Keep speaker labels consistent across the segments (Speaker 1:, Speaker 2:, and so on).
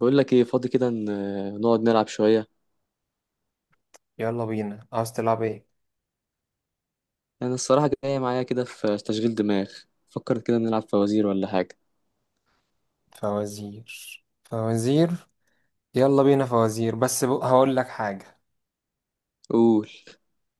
Speaker 1: بقول لك ايه؟ فاضي كده، نقعد نلعب شوية.
Speaker 2: يلا بينا، عاوز تلعب ايه؟
Speaker 1: انا الصراحة جاية معايا كده في تشغيل دماغ. فكر كده، نلعب فوازير ولا حاجة.
Speaker 2: فوازير فوازير. يلا بينا فوازير، بس هقول لك حاجة.
Speaker 1: قول.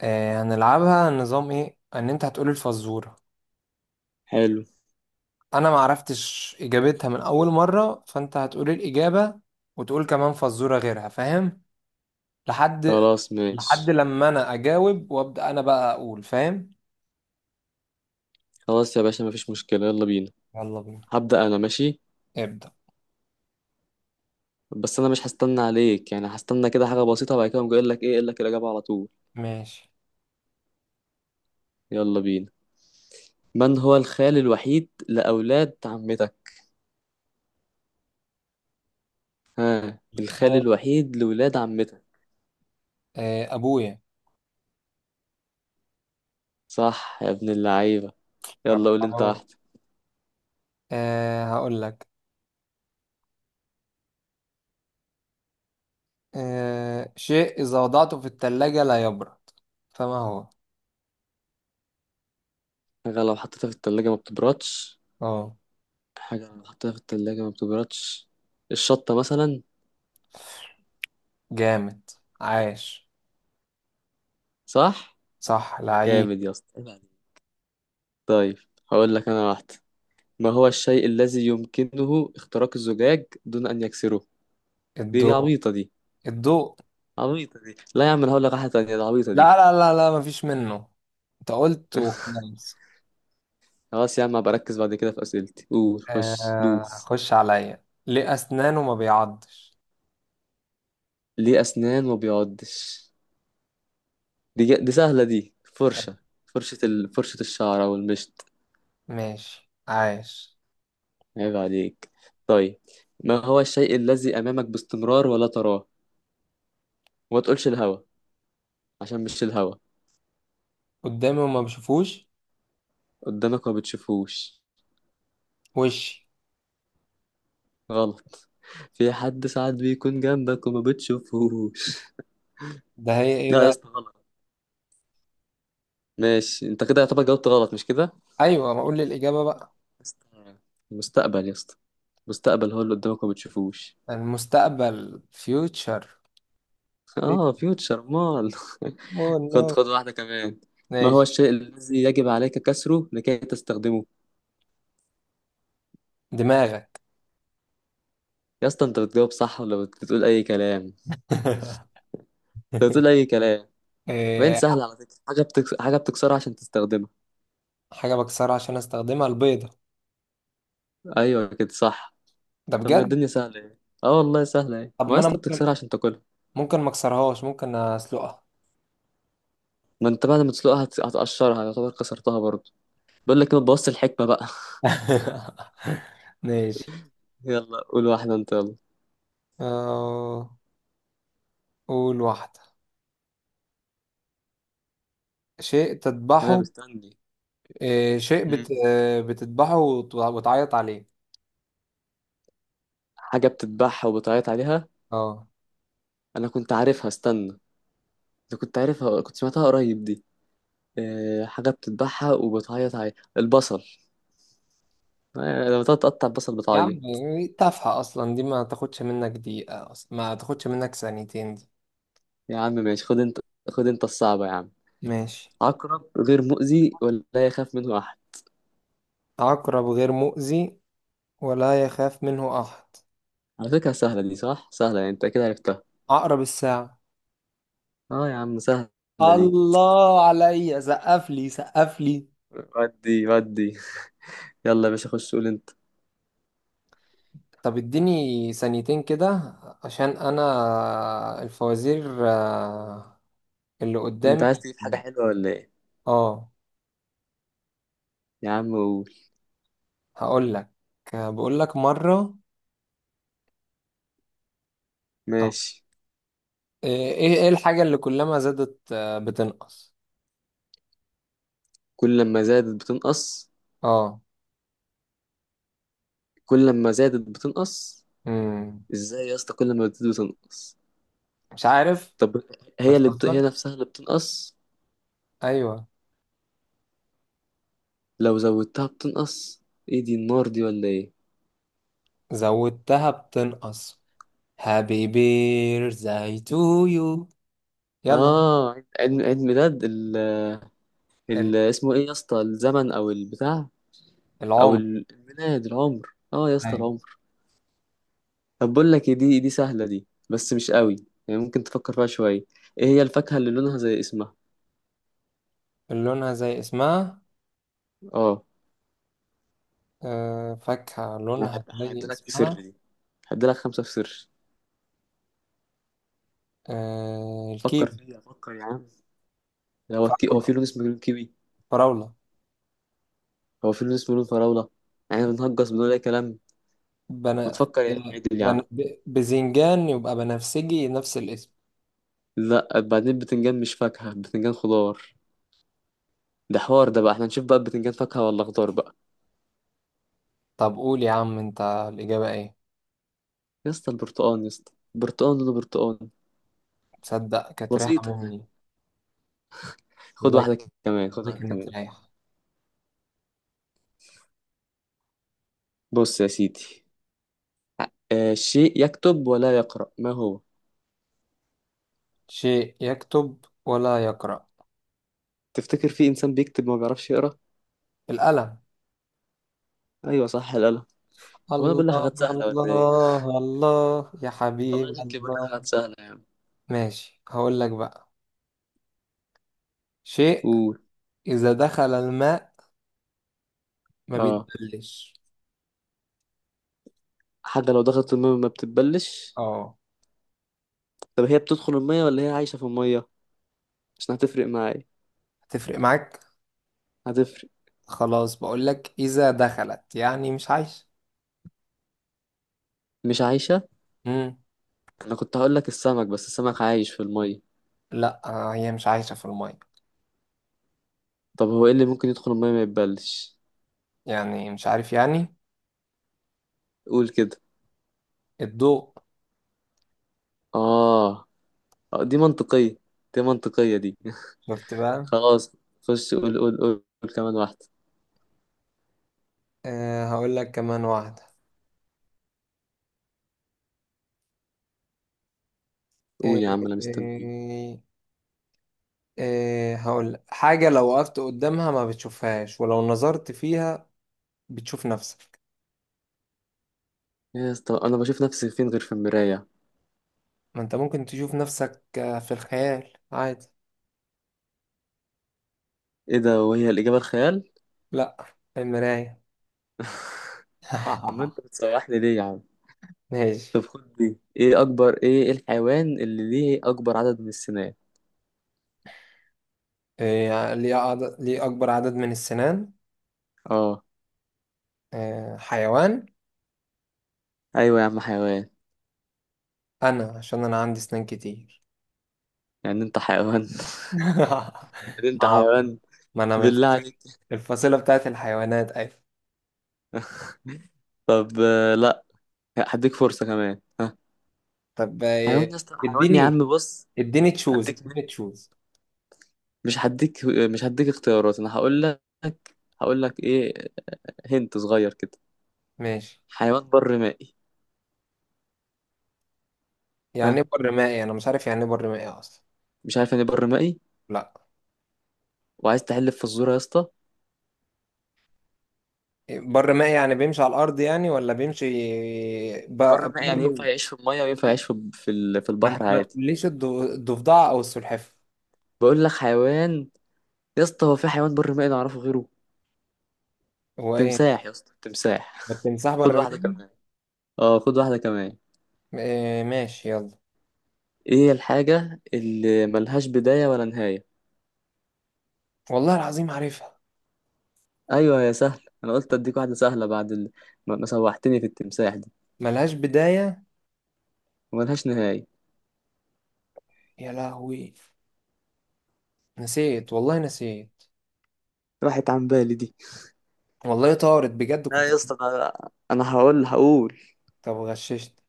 Speaker 2: آه، هنلعبها نظام ايه؟ ان انت هتقول الفزورة،
Speaker 1: حلو.
Speaker 2: انا ما عرفتش اجابتها من اول مرة فانت هتقول الاجابة وتقول كمان فزورة غيرها، فاهم؟ لحد
Speaker 1: خلاص
Speaker 2: لحد
Speaker 1: ماشي.
Speaker 2: لما انا اجاوب، وابدأ انا بقى اقول فاهم.
Speaker 1: خلاص يا باشا، مفيش مشكلة، يلا بينا.
Speaker 2: يلا بينا.
Speaker 1: هبدأ انا، ماشي.
Speaker 2: ابدأ.
Speaker 1: بس انا مش هستنى عليك، يعني هستنى كده حاجة بسيطة وبعد كده أقوم جاي اقول لك ايه، اقول لك الإجابة على طول.
Speaker 2: ماشي.
Speaker 1: يلا بينا. من هو الخال الوحيد لأولاد عمتك؟ ها، الخال
Speaker 2: خال.
Speaker 1: الوحيد لولاد عمتك.
Speaker 2: آه، ابويا.
Speaker 1: صح يا ابن اللعيبة. يلا قول انت
Speaker 2: الله.
Speaker 1: واحدة.
Speaker 2: آه، هقول لك. آه، شيء إذا وضعته في التلاجة لا يبرد، فما هو؟
Speaker 1: حاجة لو حطيتها في التلاجة ما بتبردش.
Speaker 2: اه.
Speaker 1: حاجة بنحطها في التلاجة ما بتبردش، الشطة مثلا.
Speaker 2: جامد. عاش.
Speaker 1: صح؟
Speaker 2: صح لعيب.
Speaker 1: جامد يا اسطى، عيب عليك. طيب، هقول لك أنا واحدة. ما هو الشيء الذي يمكنه اختراق الزجاج دون أن يكسره؟ دي
Speaker 2: الضوء.
Speaker 1: عبيطة دي.
Speaker 2: الضوء.
Speaker 1: عبيطة دي، لا يا عم، أنا هقول لك واحدة تانية، دي عبيطة دي.
Speaker 2: لا لا لا لا، مفيش منه. انت قلت وخلاص.
Speaker 1: خلاص يا عم، هبقى أركز بعد كده في أسئلتي. قول، خش
Speaker 2: آه،
Speaker 1: دوس.
Speaker 2: هخش عليا. ليه أسنانه ما بيعضش؟
Speaker 1: ليه أسنان ما بيعضش؟ دي سهلة، دي
Speaker 2: طب.
Speaker 1: فرشة. فرشة ال... فرشة الشعر أو المشط.
Speaker 2: ماشي، عاش.
Speaker 1: عيب عليك. طيب، ما هو الشيء الذي أمامك باستمرار ولا تراه؟ وما تقولش الهوا، عشان مش الهوا.
Speaker 2: قدامي وما بشوفوش.
Speaker 1: قدامك ما بتشوفوش.
Speaker 2: وشي.
Speaker 1: غلط. في حد ساعات بيكون جنبك وما بتشوفوش.
Speaker 2: ده هي ايه
Speaker 1: لا يا
Speaker 2: بقى؟
Speaker 1: اسطى، غلط. ماشي، انت كده يعتبر جاوبت غلط، مش كده يا
Speaker 2: ايوه، ما اقول لي الإجابة بقى.
Speaker 1: اسطى؟ المستقبل يا اسطى، المستقبل هو اللي قدامك وما بتشوفوش.
Speaker 2: المستقبل future. ليك.
Speaker 1: اه، فيوتشر مال
Speaker 2: اوه نو.
Speaker 1: خد، خد واحدة كمان. ما
Speaker 2: ماشي.
Speaker 1: هو الشيء الذي يجب عليك كسره لكي تستخدمه؟
Speaker 2: دماغك.
Speaker 1: يا اسطى، انت بتجاوب صح ولا بتقول اي كلام؟ انت بتقول اي كلام. باين
Speaker 2: إيه،
Speaker 1: سهل على فكرة. حاجة بتكس... حاجة بتكسرها عشان تستخدمها.
Speaker 2: حاجة بكسرها عشان استخدمها، البيضة.
Speaker 1: ايوه كده صح.
Speaker 2: ده
Speaker 1: طب ما
Speaker 2: بجد؟
Speaker 1: الدنيا سهلة يعني. اه والله سهلة يعني،
Speaker 2: طب
Speaker 1: ما يا
Speaker 2: ما انا
Speaker 1: اسطى
Speaker 2: ممكن.
Speaker 1: بتكسرها عشان تاكلها.
Speaker 2: ممكن ما اكسرهاش، ممكن اسلقها.
Speaker 1: ما انت بعد ما تسلقها هتقشرها، يعتبر كسرتها برضه. بقول لك ايه، ما تبوظش الحكمة بقى
Speaker 2: ماشي.
Speaker 1: يلا قول واحدة انت، يلا.
Speaker 2: آه، قول واحدة. شيء
Speaker 1: انا
Speaker 2: تذبحه.
Speaker 1: مستني.
Speaker 2: إيه، شيء بت...
Speaker 1: مم.
Speaker 2: آه، بتذبحه وتعيط عليه.
Speaker 1: حاجة بتتباع وبتعيط عليها.
Speaker 2: اه.
Speaker 1: انا كنت عارفها، استنى. انا كنت عارفها، كنت سمعتها قريب دي. أه، حاجة بتتباعها وبتعيط عليها، البصل. أه، لما تقعد تقطع البصل
Speaker 2: يا عم
Speaker 1: بتعيط.
Speaker 2: دي تافهة اصلا، دي ما تاخدش منك دقيقة، اصلا ما تاخدش منك ثانيتين دي.
Speaker 1: يا عم ماشي، خد انت. خد انت الصعبة يا عم.
Speaker 2: ماشي.
Speaker 1: عقرب غير مؤذي ولا يخاف منه احد.
Speaker 2: عقرب غير مؤذي ولا يخاف منه احد؟
Speaker 1: على فكرة سهلة دي، صح، سهلة يعني، انت اكيد عرفتها.
Speaker 2: عقرب الساعة.
Speaker 1: اه يا عم سهلة. دي،
Speaker 2: الله عليا، سقف لي سقف لي.
Speaker 1: ودي ودي. يلا يا باشا، خش قول انت.
Speaker 2: طب اديني ثانيتين كده. عشان انا الفوازير اللي
Speaker 1: انت
Speaker 2: قدامي.
Speaker 1: عايز تجيب حاجة حلوة ولا ايه؟
Speaker 2: اه،
Speaker 1: يا عم قول.
Speaker 2: هقول لك. بقول لك مرة. اه.
Speaker 1: ماشي.
Speaker 2: ايه الحاجة اللي كلما زادت بتنقص؟
Speaker 1: كل لما زادت بتنقص.
Speaker 2: اه.
Speaker 1: كل لما زادت بتنقص.
Speaker 2: امم.
Speaker 1: ازاي يا اسطى كل ما بتزيد بتنقص؟
Speaker 2: مش عارف.
Speaker 1: طب هي اللي بت...
Speaker 2: بتهزر؟
Speaker 1: هي نفسها اللي بتنقص.
Speaker 2: ايوه.
Speaker 1: لو زودتها بتنقص. ايه دي، النار دي ولا ايه؟
Speaker 2: زودتها بتنقص. هابي بير زي تو يو. يلا.
Speaker 1: اه، عيد، عيد، عيد ميلاد ال...
Speaker 2: ال-
Speaker 1: ال... اسمه ايه يا اسطى، الزمن او البتاع؟ او
Speaker 2: العمر.
Speaker 1: الميلاد، العمر، اه يا اسطى
Speaker 2: أيوة.
Speaker 1: العمر. طب بقول لك إيه، دي دي سهلة دي بس مش قوي، يعني ممكن تفكر فيها شوية. ايه هي الفاكهة اللي لونها زي اسمها؟
Speaker 2: لونها زي اسمها.
Speaker 1: اه.
Speaker 2: فاكهة
Speaker 1: انا
Speaker 2: لونها زي
Speaker 1: هديلك سر
Speaker 2: اسمها.
Speaker 1: دي، هديلك خمسة في سر.
Speaker 2: الكيوي.
Speaker 1: فكر فيها، فكر يا عم. هو الكي... هو
Speaker 2: فراولة.
Speaker 1: في لون اسمه لون كيوي؟
Speaker 2: فراولة.
Speaker 1: هو في لون اسمه لون فراولة؟ يعني بنهجس، بنقول اي كلام. ما
Speaker 2: بنا...
Speaker 1: تفكر يا عم، عدل يا عم.
Speaker 2: بزنجان يبقى بنفسجي، نفس الاسم.
Speaker 1: لا بعدين، البتنجان مش فاكهة، البتنجان خضار. ده حوار ده بقى، احنا نشوف بقى البتنجان فاكهة ولا خضار بقى.
Speaker 2: طب قول يا عم، انت الإجابة ايه؟
Speaker 1: يا اسطى البرتقال، يا اسطى البرتقال لونه برتقال.
Speaker 2: تصدق، كانت رايحة
Speaker 1: بسيطة يعني.
Speaker 2: مني.
Speaker 1: خد
Speaker 2: والله.
Speaker 1: واحدة كمان. خد
Speaker 2: ده
Speaker 1: واحدة
Speaker 2: كانت
Speaker 1: كمان.
Speaker 2: رايحة.
Speaker 1: بص يا سيدي، آه، شيء يكتب ولا يقرأ، ما هو؟
Speaker 2: شيء يكتب ولا يقرأ.
Speaker 1: تفتكر في إنسان بيكتب ما بيعرفش يقرأ؟
Speaker 2: القلم.
Speaker 1: أيوة صح، القلم. هو أنا بقول لك
Speaker 2: الله
Speaker 1: حاجات سهلة ولا إيه؟
Speaker 2: الله الله، يا حبيب
Speaker 1: والله شكلي بقول لك
Speaker 2: الله.
Speaker 1: حاجات سهلة يا عم.
Speaker 2: ماشي، هقول لك بقى. شيء
Speaker 1: قول.
Speaker 2: إذا دخل الماء ما
Speaker 1: آه.
Speaker 2: بيتبلش.
Speaker 1: حاجة لو دخلت المية ما بتتبلش.
Speaker 2: اه.
Speaker 1: طب هي بتدخل المية ولا هي عايشة في المية؟ عشان هتفرق معايا.
Speaker 2: هتفرق معاك.
Speaker 1: هتفرق.
Speaker 2: خلاص، بقولك اذا دخلت يعني مش عايشة.
Speaker 1: مش عايشة.
Speaker 2: امم.
Speaker 1: أنا كنت هقول لك السمك، بس السمك عايش في المية.
Speaker 2: لا، هي مش عايشة في المية.
Speaker 1: طب هو إيه اللي ممكن يدخل المية ما يتبلش؟
Speaker 2: يعني مش عارف يعني.
Speaker 1: قول كده.
Speaker 2: الضوء.
Speaker 1: آه. آه، دي منطقية. دي منطقية دي
Speaker 2: شفت بقى.
Speaker 1: خلاص. خش قول، قول، قول، قول كمان واحدة.
Speaker 2: أه، هقولك كمان واحدة. أه.
Speaker 1: قول يا عم، انا مستنيك.
Speaker 2: أه. أه، هقولك حاجة لو وقفت قدامها ما بتشوفهاش، ولو نظرت فيها بتشوف نفسك.
Speaker 1: يا اسطى انا بشوف نفسي فين غير في المرايه؟
Speaker 2: ما انت ممكن تشوف نفسك في الخيال عادي.
Speaker 1: ايه ده، وهي الاجابه الخيال؟
Speaker 2: لا. المراية.
Speaker 1: طب ما انت بتسوحني ليه يا عم؟
Speaker 2: ماشي.
Speaker 1: طب خد دي. ايه اكبر، ايه، إيه الحيوان اللي ليه اكبر عدد من السنان؟
Speaker 2: إيه، ليه أكبر عدد من السنان؟
Speaker 1: اه.
Speaker 2: إيه، حيوان؟
Speaker 1: ايوه يا عم، حيوان.
Speaker 2: عشان أنا عندي سنان كتير.
Speaker 1: يعني انت حيوان؟ يعني انت
Speaker 2: ما
Speaker 1: حيوان.
Speaker 2: ما أنا من
Speaker 1: بالله عليك.
Speaker 2: الفصيلة. الفصيلة بتاعت الحيوانات، أيوة.
Speaker 1: طب آه، لا، هديك فرصه كمان، ها.
Speaker 2: طب
Speaker 1: حيوان
Speaker 2: إيه،
Speaker 1: يا اسطى، حيوان يا
Speaker 2: اديني.
Speaker 1: عم، بص.
Speaker 2: اديني تشوز،
Speaker 1: هديك،
Speaker 2: اديني تشوز.
Speaker 1: مش هديك، مش هديك اختيارات، انا هقول لك. هقول لك ايه، هنت صغير كده.
Speaker 2: ماشي.
Speaker 1: حيوان بر مائي.
Speaker 2: يعني
Speaker 1: ها،
Speaker 2: إيه بر مائي؟ أنا مش عارف يعني إيه بر مائي أصلا.
Speaker 1: مش عارف يعني إيه بر مائي؟
Speaker 2: لا.
Speaker 1: وعايز تحلف في الزور يا اسطى؟
Speaker 2: إيه، بر مائي يعني بيمشي على الأرض يعني، ولا بيمشي؟ ب-
Speaker 1: بر الماء يعني ينفع
Speaker 2: بر.
Speaker 1: يعيش في الميه وينفع يعيش في في
Speaker 2: ما
Speaker 1: البحر
Speaker 2: أنت ما
Speaker 1: عادي.
Speaker 2: تقوليش الضفدع أو السلحفاة.
Speaker 1: بقول لك حيوان يا اسطى، هو في حيوان بر مائي نعرفه غيره؟
Speaker 2: هو إيه؟
Speaker 1: تمساح يا اسطى، تمساح
Speaker 2: ما التمساح
Speaker 1: خد
Speaker 2: بر
Speaker 1: واحده
Speaker 2: مائي.
Speaker 1: كمان. اه خد واحده كمان.
Speaker 2: إيه، ماشي يلا.
Speaker 1: ايه الحاجه اللي ملهاش بدايه ولا نهايه؟
Speaker 2: والله العظيم عارفها.
Speaker 1: ايوه يا سهل، انا قلت اديك واحده سهله بعد ال... ما ما سوحتني في التمساح دي.
Speaker 2: ملهاش بداية.
Speaker 1: وملهاش نهايه.
Speaker 2: يا لهوي. نسيت، والله نسيت.
Speaker 1: راحت عن بالي دي.
Speaker 2: والله طارت بجد،
Speaker 1: اه
Speaker 2: كنت.
Speaker 1: يا اسطى انا، أنا هقول هقول.
Speaker 2: طب غششت.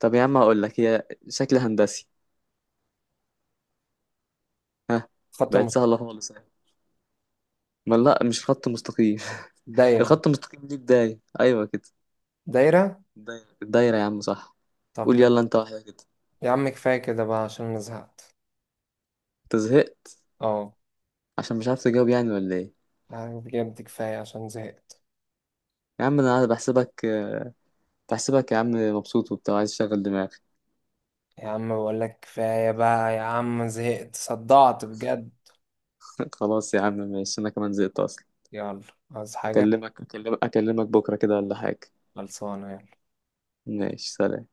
Speaker 1: طب يا عم هقول لك، هي شكل هندسي. ها.
Speaker 2: خط
Speaker 1: بقت
Speaker 2: المس...
Speaker 1: سهله خالص. ما لا، مش خط مستقيم.
Speaker 2: دايرة.
Speaker 1: الخط المستقيم ليه بداية. أيوة كده.
Speaker 2: دايرة.
Speaker 1: الدايرة، الدايرة يا عم صح.
Speaker 2: طب
Speaker 1: قول
Speaker 2: ما
Speaker 1: يلا أنت واحدة كده.
Speaker 2: يا عم كفاية كده بقى، عشان أنا زهقت.
Speaker 1: أنت زهقت؟
Speaker 2: اه.
Speaker 1: عشان مش عارف تجاوب يعني ولا إيه؟
Speaker 2: يعني بجد كفاية عشان زهقت.
Speaker 1: يا عم أنا بحسبك، بحسبك يا عم مبسوط وبتاع، عايز تشغل دماغك.
Speaker 2: يا عم بقول لك كفاية بقى يا عم، زهقت صدعت بجد.
Speaker 1: خلاص يا عم ماشي، أنا كمان زهقت أصلا.
Speaker 2: يلا. عايز حاجة؟
Speaker 1: أكلمك، أكلمك أكلمك بكرة كده ولا حاجة؟
Speaker 2: خلصانة، يلا.
Speaker 1: ماشي، سلام.